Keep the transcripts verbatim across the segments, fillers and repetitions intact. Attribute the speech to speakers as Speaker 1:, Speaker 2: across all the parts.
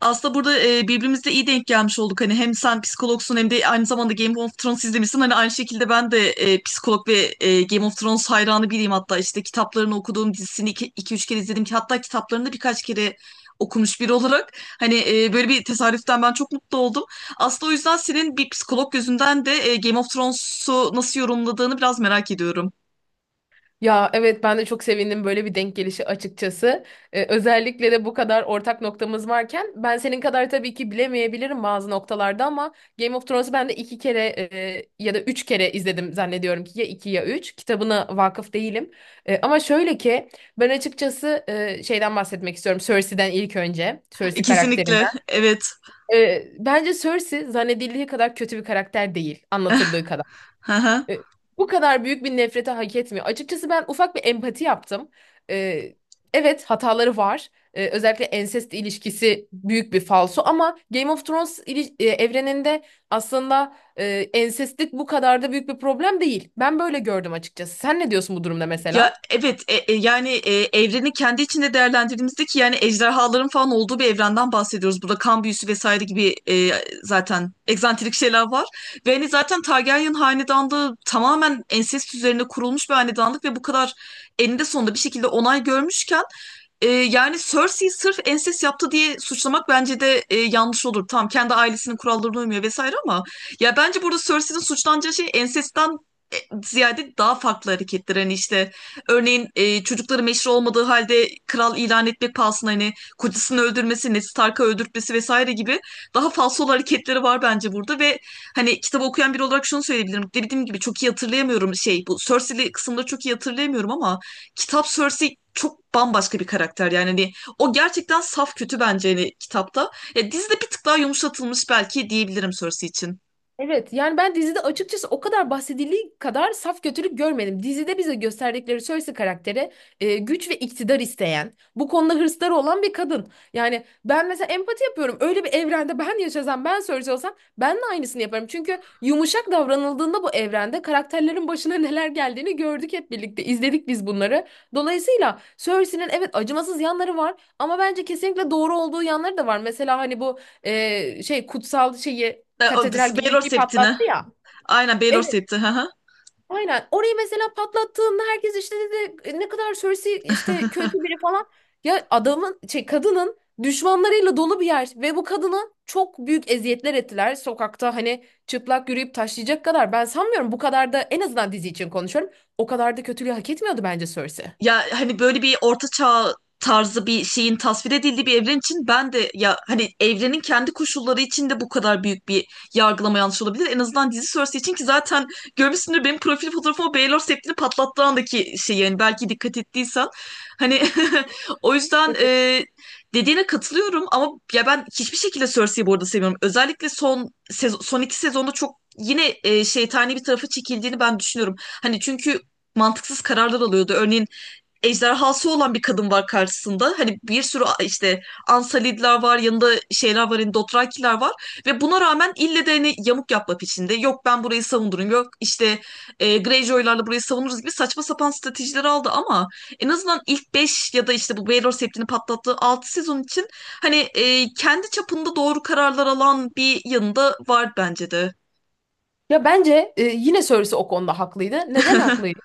Speaker 1: Aslında burada e, birbirimize iyi denk gelmiş olduk. Hani hem sen psikologsun hem de aynı zamanda Game of Thrones izlemişsin. Hani aynı şekilde ben de e, psikolog ve e, Game of Thrones hayranı biriyim hatta. İşte kitaplarını okuduğum dizisini iki üç kere izledim. Ki hatta kitaplarını da birkaç kere okumuş biri olarak. Hani e, böyle bir tesadüften ben çok mutlu oldum. Aslında o yüzden senin bir psikolog gözünden de e, Game of Thrones'u nasıl yorumladığını biraz merak ediyorum.
Speaker 2: Ya evet ben de çok sevindim böyle bir denk gelişi açıkçası. Ee, özellikle de bu kadar ortak noktamız varken ben senin kadar tabii ki bilemeyebilirim bazı noktalarda ama Game of Thrones'u ben de iki kere e, ya da üç kere izledim zannediyorum ki ya iki ya üç. Kitabına vakıf değilim. E, ama şöyle ki ben açıkçası e, şeyden bahsetmek istiyorum Cersei'den ilk önce.
Speaker 1: E,
Speaker 2: Cersei
Speaker 1: kesinlikle.
Speaker 2: karakterinden.
Speaker 1: Evet.
Speaker 2: E, bence Cersei zannedildiği kadar kötü bir karakter değil anlatıldığı kadar.
Speaker 1: Hı.
Speaker 2: E, Bu kadar büyük bir nefrete hak etmiyor. Açıkçası ben ufak bir empati yaptım. E, evet hataları var. E, özellikle ensest ilişkisi büyük bir falso ama Game of Thrones ili- e, evreninde aslında e, ensestlik bu kadar da büyük bir problem değil. Ben böyle gördüm açıkçası. Sen ne diyorsun bu durumda
Speaker 1: Ya
Speaker 2: mesela?
Speaker 1: evet, e- e, yani e, evreni kendi içinde değerlendirdiğimizde ki yani ejderhaların falan olduğu bir evrenden bahsediyoruz. Burada kan büyüsü vesaire gibi e, zaten egzantrik şeyler var. Ve hani zaten Targaryen hanedanlığı tamamen ensest üzerine kurulmuş bir hanedanlık ve bu kadar eninde sonunda bir şekilde onay görmüşken e, yani Cersei'yi sırf ensest yaptı diye suçlamak bence de e, yanlış olur. Tamam, kendi ailesinin kurallarına uymuyor vesaire ama ya bence burada Cersei'nin suçlanacağı şey ensestten e, ziyade daha farklı hareketler. Hani işte örneğin e, çocukları meşru olmadığı halde kral ilan etmek pahasına hani kocasını öldürmesi, Ned Stark'ı öldürtmesi vesaire gibi daha falsol hareketleri var bence burada ve hani kitabı okuyan biri olarak şunu söyleyebilirim. Dediğim gibi çok iyi hatırlayamıyorum, şey, bu Cersei'li kısımları çok iyi hatırlayamıyorum ama kitap Cersei çok bambaşka bir karakter, yani hani o gerçekten saf kötü bence hani kitapta. Ya dizide bir tık daha yumuşatılmış belki diyebilirim Cersei için.
Speaker 2: Evet yani ben dizide açıkçası o kadar bahsedildiği kadar saf kötülük görmedim. Dizide bize gösterdikleri Cersei karakteri e, güç ve iktidar isteyen, bu konuda hırsları olan bir kadın. Yani ben mesela empati yapıyorum. Öyle bir evrende ben yaşasam, ben Cersei olsam ben de aynısını yaparım. Çünkü yumuşak davranıldığında bu evrende karakterlerin başına neler geldiğini gördük hep birlikte. İzledik biz bunları. Dolayısıyla Cersei'nin evet acımasız yanları var ama bence kesinlikle doğru olduğu yanları da var. Mesela hani bu e, şey kutsal şeyi
Speaker 1: E, o-
Speaker 2: katedral gibi bir
Speaker 1: Baelor
Speaker 2: şey
Speaker 1: Septini.
Speaker 2: patlattı ya.
Speaker 1: Aynen, Baelor
Speaker 2: Evet,
Speaker 1: Septi.
Speaker 2: aynen. Orayı mesela patlattığında herkes işte dedi "E, ne kadar Cersei işte kötü biri falan. Ya adamın şey kadının düşmanlarıyla dolu bir yer ve bu kadına çok büyük eziyetler ettiler. Sokakta hani çıplak yürüyüp taşlayacak kadar ben sanmıyorum bu kadar da, en azından dizi için konuşuyorum. O kadar da kötülüğü hak etmiyordu bence Cersei.
Speaker 1: Ya hani böyle bir orta çağ tarzı bir şeyin tasvir edildiği bir evren için ben de ya hani evrenin kendi koşulları içinde bu kadar büyük bir yargılama yanlış olabilir. En azından dizi sonrası için, ki zaten görmüşsündür benim profil fotoğrafıma, Baylor septini patlattığı andaki şey, yani belki dikkat ettiysen. Hani o yüzden e, dediğine katılıyorum ama ya ben hiçbir şekilde Cersei'yi bu arada sevmiyorum. Özellikle son sezo- son iki sezonda çok yine e, şeytani bir tarafa çekildiğini ben düşünüyorum. Hani çünkü mantıksız kararlar alıyordu. Örneğin ejderhası olan bir kadın var karşısında. Hani bir sürü işte Ansalidler var, yanında şeyler var, hani Dothrakiler var. Ve buna rağmen ille de hani yamuk yapma peşinde. Yok ben burayı savunurum, yok işte e, Greyjoy'larla burayı savunuruz gibi saçma sapan stratejiler aldı ama en azından ilk beş ya da işte bu Baelor Septi'ni patlattığı altı sezon için hani e, kendi çapında doğru kararlar alan bir yanında var bence de.
Speaker 2: Ya bence e, yine Cersei o konuda haklıydı. Neden haklıydı?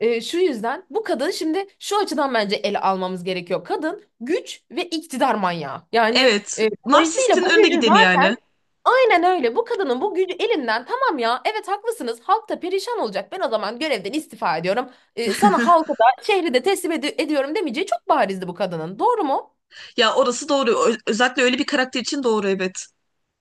Speaker 2: E, şu yüzden, bu kadın şimdi şu açıdan bence ele almamız gerekiyor. Kadın güç ve iktidar manyağı. Yani
Speaker 1: Evet.
Speaker 2: e, dolayısıyla
Speaker 1: Narsistin
Speaker 2: bu
Speaker 1: önde
Speaker 2: gücü
Speaker 1: gideni yani.
Speaker 2: zaten aynen öyle. Bu kadının bu gücü elinden, tamam ya evet haklısınız halk da perişan olacak. Ben o zaman görevden istifa ediyorum. E, sana halkı da şehri de teslim edi- ediyorum demeyeceği çok barizdi bu kadının. Doğru mu?
Speaker 1: Ya orası doğru. Ö- özellikle öyle bir karakter için doğru, evet.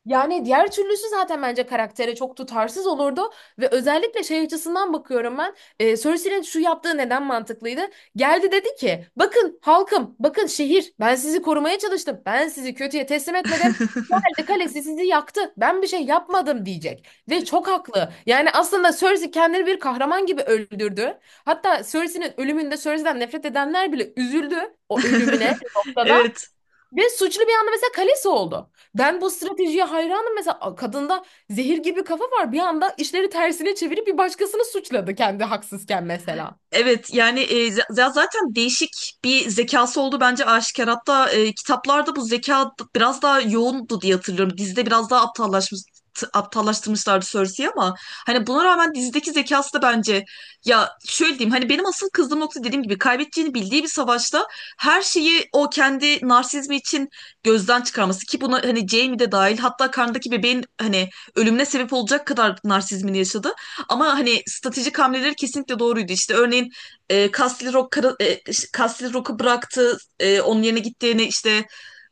Speaker 2: Yani diğer türlüsü zaten bence karaktere çok tutarsız olurdu ve özellikle şey açısından bakıyorum ben. E, Cersei'nin şu yaptığı neden mantıklıydı? Geldi dedi ki, bakın halkım bakın şehir, ben sizi korumaya çalıştım, ben sizi kötüye teslim etmedim. Geldi kalesi sizi yaktı, ben bir şey yapmadım diyecek ve çok haklı. Yani aslında Cersei kendini bir kahraman gibi öldürdü. Hatta Cersei'nin ölümünde Cersei'den nefret edenler bile üzüldü o ölümüne bir noktada.
Speaker 1: Evet.
Speaker 2: Ve suçlu bir anda mesela kalesi oldu. Ben bu stratejiye hayranım. Mesela a- kadında zehir gibi kafa var. Bir anda işleri tersine çevirip bir başkasını suçladı kendi haksızken mesela.
Speaker 1: Evet yani e, z- z- zaten değişik bir zekası oldu, bence aşikar. Hatta e, kitaplarda bu zeka d- biraz daha yoğundu diye hatırlıyorum. Dizide biraz daha aptallaşmış t- aptallaştırmışlardı Cersei'yi ama hani buna rağmen dizideki zekası da bence, ya şöyle diyeyim, hani benim asıl kızdığım nokta, dediğim gibi, kaybedeceğini bildiği bir savaşta her şeyi o kendi narsizmi için gözden çıkarması. Ki buna hani Jaime de dahil, hatta karnındaki bebeğin hani ölümüne sebep olacak kadar narsizmini yaşadı. Ama hani stratejik hamleleri kesinlikle doğruydu. İşte örneğin e, Castle Rock, kara- e, Castle Rock'u bıraktı. E, onun yerine gittiğini işte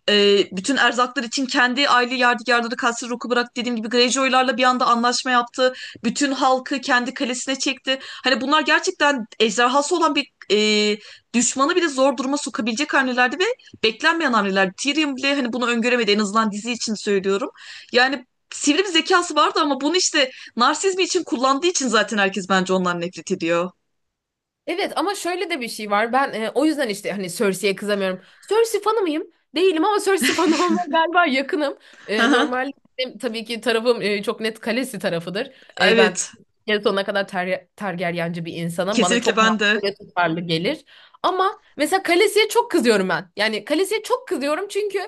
Speaker 1: e, bütün erzaklar için kendi aile yadigarları Kasır Rock'u bırak, dediğim gibi Greyjoy'larla bir anda anlaşma yaptı. Bütün halkı kendi kalesine çekti. Hani bunlar gerçekten ejderhası olan bir e, düşmanı bile zor duruma sokabilecek hamlelerdi ve beklenmeyen hamleler. Tyrion bile hani bunu öngöremedi, en azından dizi için söylüyorum. Yani sivri bir zekası vardı ama bunu işte narsizmi için kullandığı için zaten herkes bence ondan nefret ediyor.
Speaker 2: Evet ama şöyle de bir şey var. Ben e, o yüzden işte hani Cersei'ye kızamıyorum. Cersei fanı mıyım? Değilim ama Cersei fanı olmaya galiba yakınım. E, normal benim tabii ki tarafım, e, çok net Kalesi tarafıdır. E, ben
Speaker 1: Evet,
Speaker 2: en sonuna kadar ter, Targaryenci bir insanım. Bana
Speaker 1: kesinlikle
Speaker 2: çok
Speaker 1: ben de.
Speaker 2: mantıklı ve tutarlı gelir. Ama mesela Kalesi'ye çok kızıyorum ben. Yani Kalesi'ye çok kızıyorum çünkü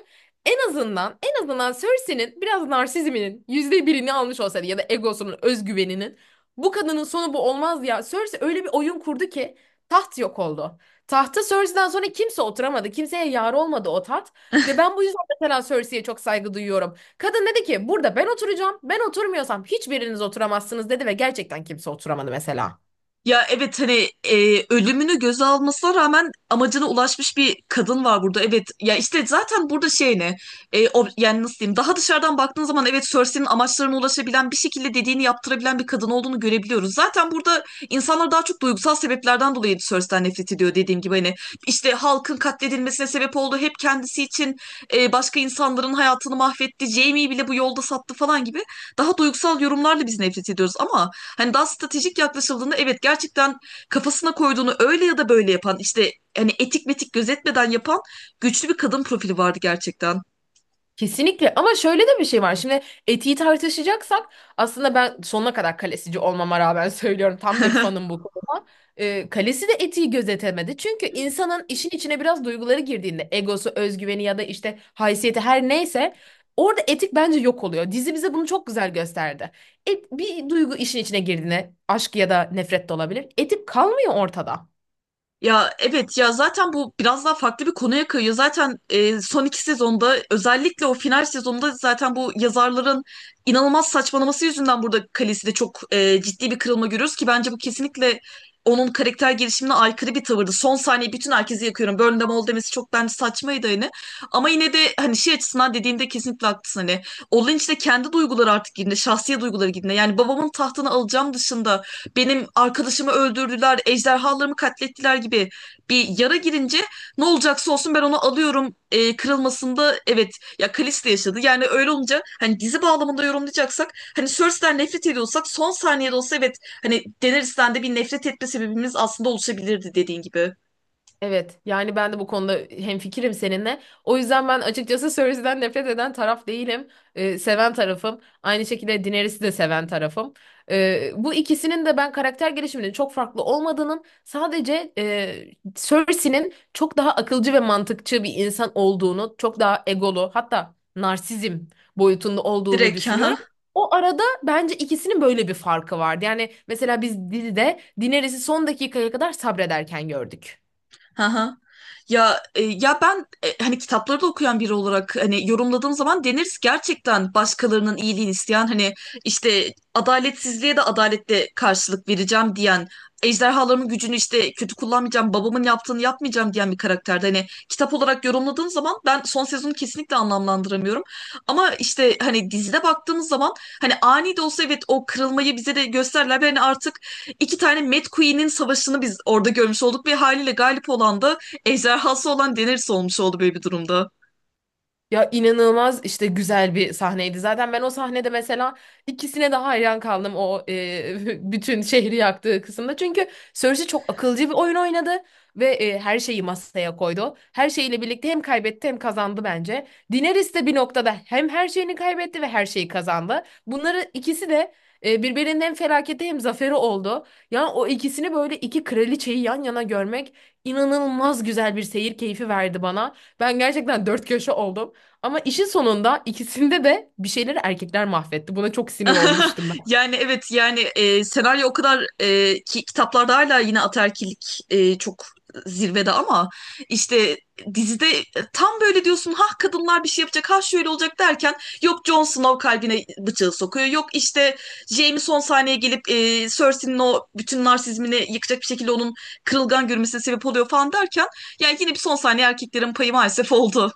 Speaker 2: en azından en azından Cersei'nin biraz narsizminin yüzde birini almış olsaydı ya da egosunun, özgüveninin, bu kadının sonu bu olmaz ya. Cersei öyle bir oyun kurdu ki taht yok oldu. Tahta Cersei'den sonra kimse oturamadı. Kimseye yar olmadı o taht. Ve ben bu yüzden mesela Cersei'ye çok saygı duyuyorum. Kadın dedi ki burada ben oturacağım. Ben oturmuyorsam hiçbiriniz oturamazsınız dedi ve gerçekten kimse oturamadı mesela.
Speaker 1: Ya evet, hani e, ölümünü göze almasına rağmen amacına ulaşmış bir kadın var burada. Evet ya, işte zaten burada şey ne, E, o, yani nasıl diyeyim, daha dışarıdan baktığın zaman evet Cersei'nin amaçlarına ulaşabilen, bir şekilde dediğini yaptırabilen bir kadın olduğunu görebiliyoruz. Zaten burada insanlar daha çok duygusal sebeplerden dolayı Cersei'den nefret ediyor, dediğim gibi hani işte halkın katledilmesine sebep oldu hep kendisi için, e, başka insanların hayatını mahvetti, Jaime'yi bile bu yolda sattı falan gibi daha duygusal yorumlarla biz nefret ediyoruz ama hani daha stratejik yaklaşıldığında evet, gerçekten kafasına koyduğunu öyle ya da böyle yapan, işte hani etik metik gözetmeden yapan güçlü bir kadın profili vardı gerçekten.
Speaker 2: Kesinlikle ama şöyle de bir şey var. Şimdi etiği tartışacaksak, aslında ben sonuna kadar kalesici olmama rağmen söylüyorum tam bir fanım bu konuda. Ee, kalesi de etiği gözetemedi. Çünkü insanın işin içine biraz duyguları girdiğinde egosu, özgüveni ya da işte haysiyeti her neyse orada etik bence yok oluyor. Dizi bize bunu çok güzel gösterdi. Et, bir duygu işin içine girdiğinde aşk ya da nefret de olabilir. Etik kalmıyor ortada.
Speaker 1: Ya evet, ya zaten bu biraz daha farklı bir konuya kayıyor. Zaten e, son iki sezonda, özellikle o final sezonunda, zaten bu yazarların inanılmaz saçmalaması yüzünden burada Khaleesi'de çok e, ciddi bir kırılma görüyoruz, ki bence bu kesinlikle onun karakter gelişimine aykırı bir tavırdı. Son saniye bütün herkesi yakıyorum, Burn them all demesi çok bence saçmaydı hani. Ama yine de hani şey açısından dediğinde kesinlikle haklısın hani. Olin de kendi duyguları artık girdiğinde, şahsi duyguları girdiğinde. Yani babamın tahtını alacağım dışında, benim arkadaşımı öldürdüler, ejderhalarımı katlettiler gibi bir yara girince, ne olacaksa olsun ben onu alıyorum, e, kırılmasında, evet ya Kalista yaşadı. Yani öyle olunca hani dizi bağlamında yorumlayacaksak hani Cersei'den nefret ediyorsak son saniyede olsa evet, hani Daenerys'ten de bir nefret etme sebebimiz aslında oluşabilirdi dediğin gibi.
Speaker 2: Evet, yani ben de bu konuda hemfikirim seninle. O yüzden ben açıkçası Cersei'den nefret eden taraf değilim. Ee, seven tarafım. Aynı şekilde Daenerys'i de seven tarafım. Ee, bu ikisinin de ben karakter gelişiminin çok farklı olmadığının, sadece e, Cersei'nin çok daha akılcı ve mantıkçı bir insan olduğunu, çok daha egolu, hatta narsizm boyutunda olduğunu
Speaker 1: Direkt,
Speaker 2: düşünüyorum.
Speaker 1: ha.
Speaker 2: O arada bence ikisinin böyle bir farkı vardı. Yani mesela biz dizide Daenerys'i son dakikaya kadar sabrederken gördük.
Speaker 1: Haha. Ya e, ya ben e, hani kitapları da okuyan biri olarak hani yorumladığım zaman denir, gerçekten başkalarının iyiliğini isteyen, hani işte adaletsizliğe de adaletle karşılık vereceğim diyen, ejderhalarımın gücünü işte kötü kullanmayacağım, babamın yaptığını yapmayacağım diyen bir karakterde, hani kitap olarak yorumladığım zaman ben son sezonu kesinlikle anlamlandıramıyorum ama işte hani dizide baktığımız zaman hani ani de olsa evet o kırılmayı bize de gösterler. Yani artık iki tane Mad Queen'in savaşını biz orada görmüş olduk ve haliyle galip olan da ejderhası olan Daenerys olmuş oldu böyle bir durumda.
Speaker 2: Ya inanılmaz işte güzel bir sahneydi. Zaten ben o sahnede mesela ikisine de hayran kaldım o e, bütün şehri yaktığı kısımda. Çünkü Cersei çok akılcı bir oyun oynadı ve e, her şeyi masaya koydu. Her şeyiyle birlikte hem kaybetti hem kazandı bence. Daenerys de bir noktada hem her şeyini kaybetti ve her şeyi kazandı. Bunları ikisi de e, birbirinin hem felaketi hem zaferi oldu. Yani o ikisini böyle iki kraliçeyi yan yana görmek inanılmaz güzel bir seyir keyfi verdi bana. Ben gerçekten dört köşe oldum. Ama işin sonunda ikisinde de bir şeyleri erkekler mahvetti. Buna çok sinir olmuştum ben.
Speaker 1: Yani evet, yani e, senaryo o kadar, e, ki kitaplarda hala yine ataerkillik e, çok zirvede ama işte dizide e, tam böyle diyorsun, ha kadınlar bir şey yapacak, ha şöyle olacak derken yok Jon Snow kalbine bıçağı sokuyor, yok işte Jaime son sahneye gelip e, Cersei'nin o bütün narsizmini yıkacak bir şekilde onun kırılgan görünmesine sebep oluyor falan derken, yani yine bir son saniye erkeklerin payı maalesef oldu.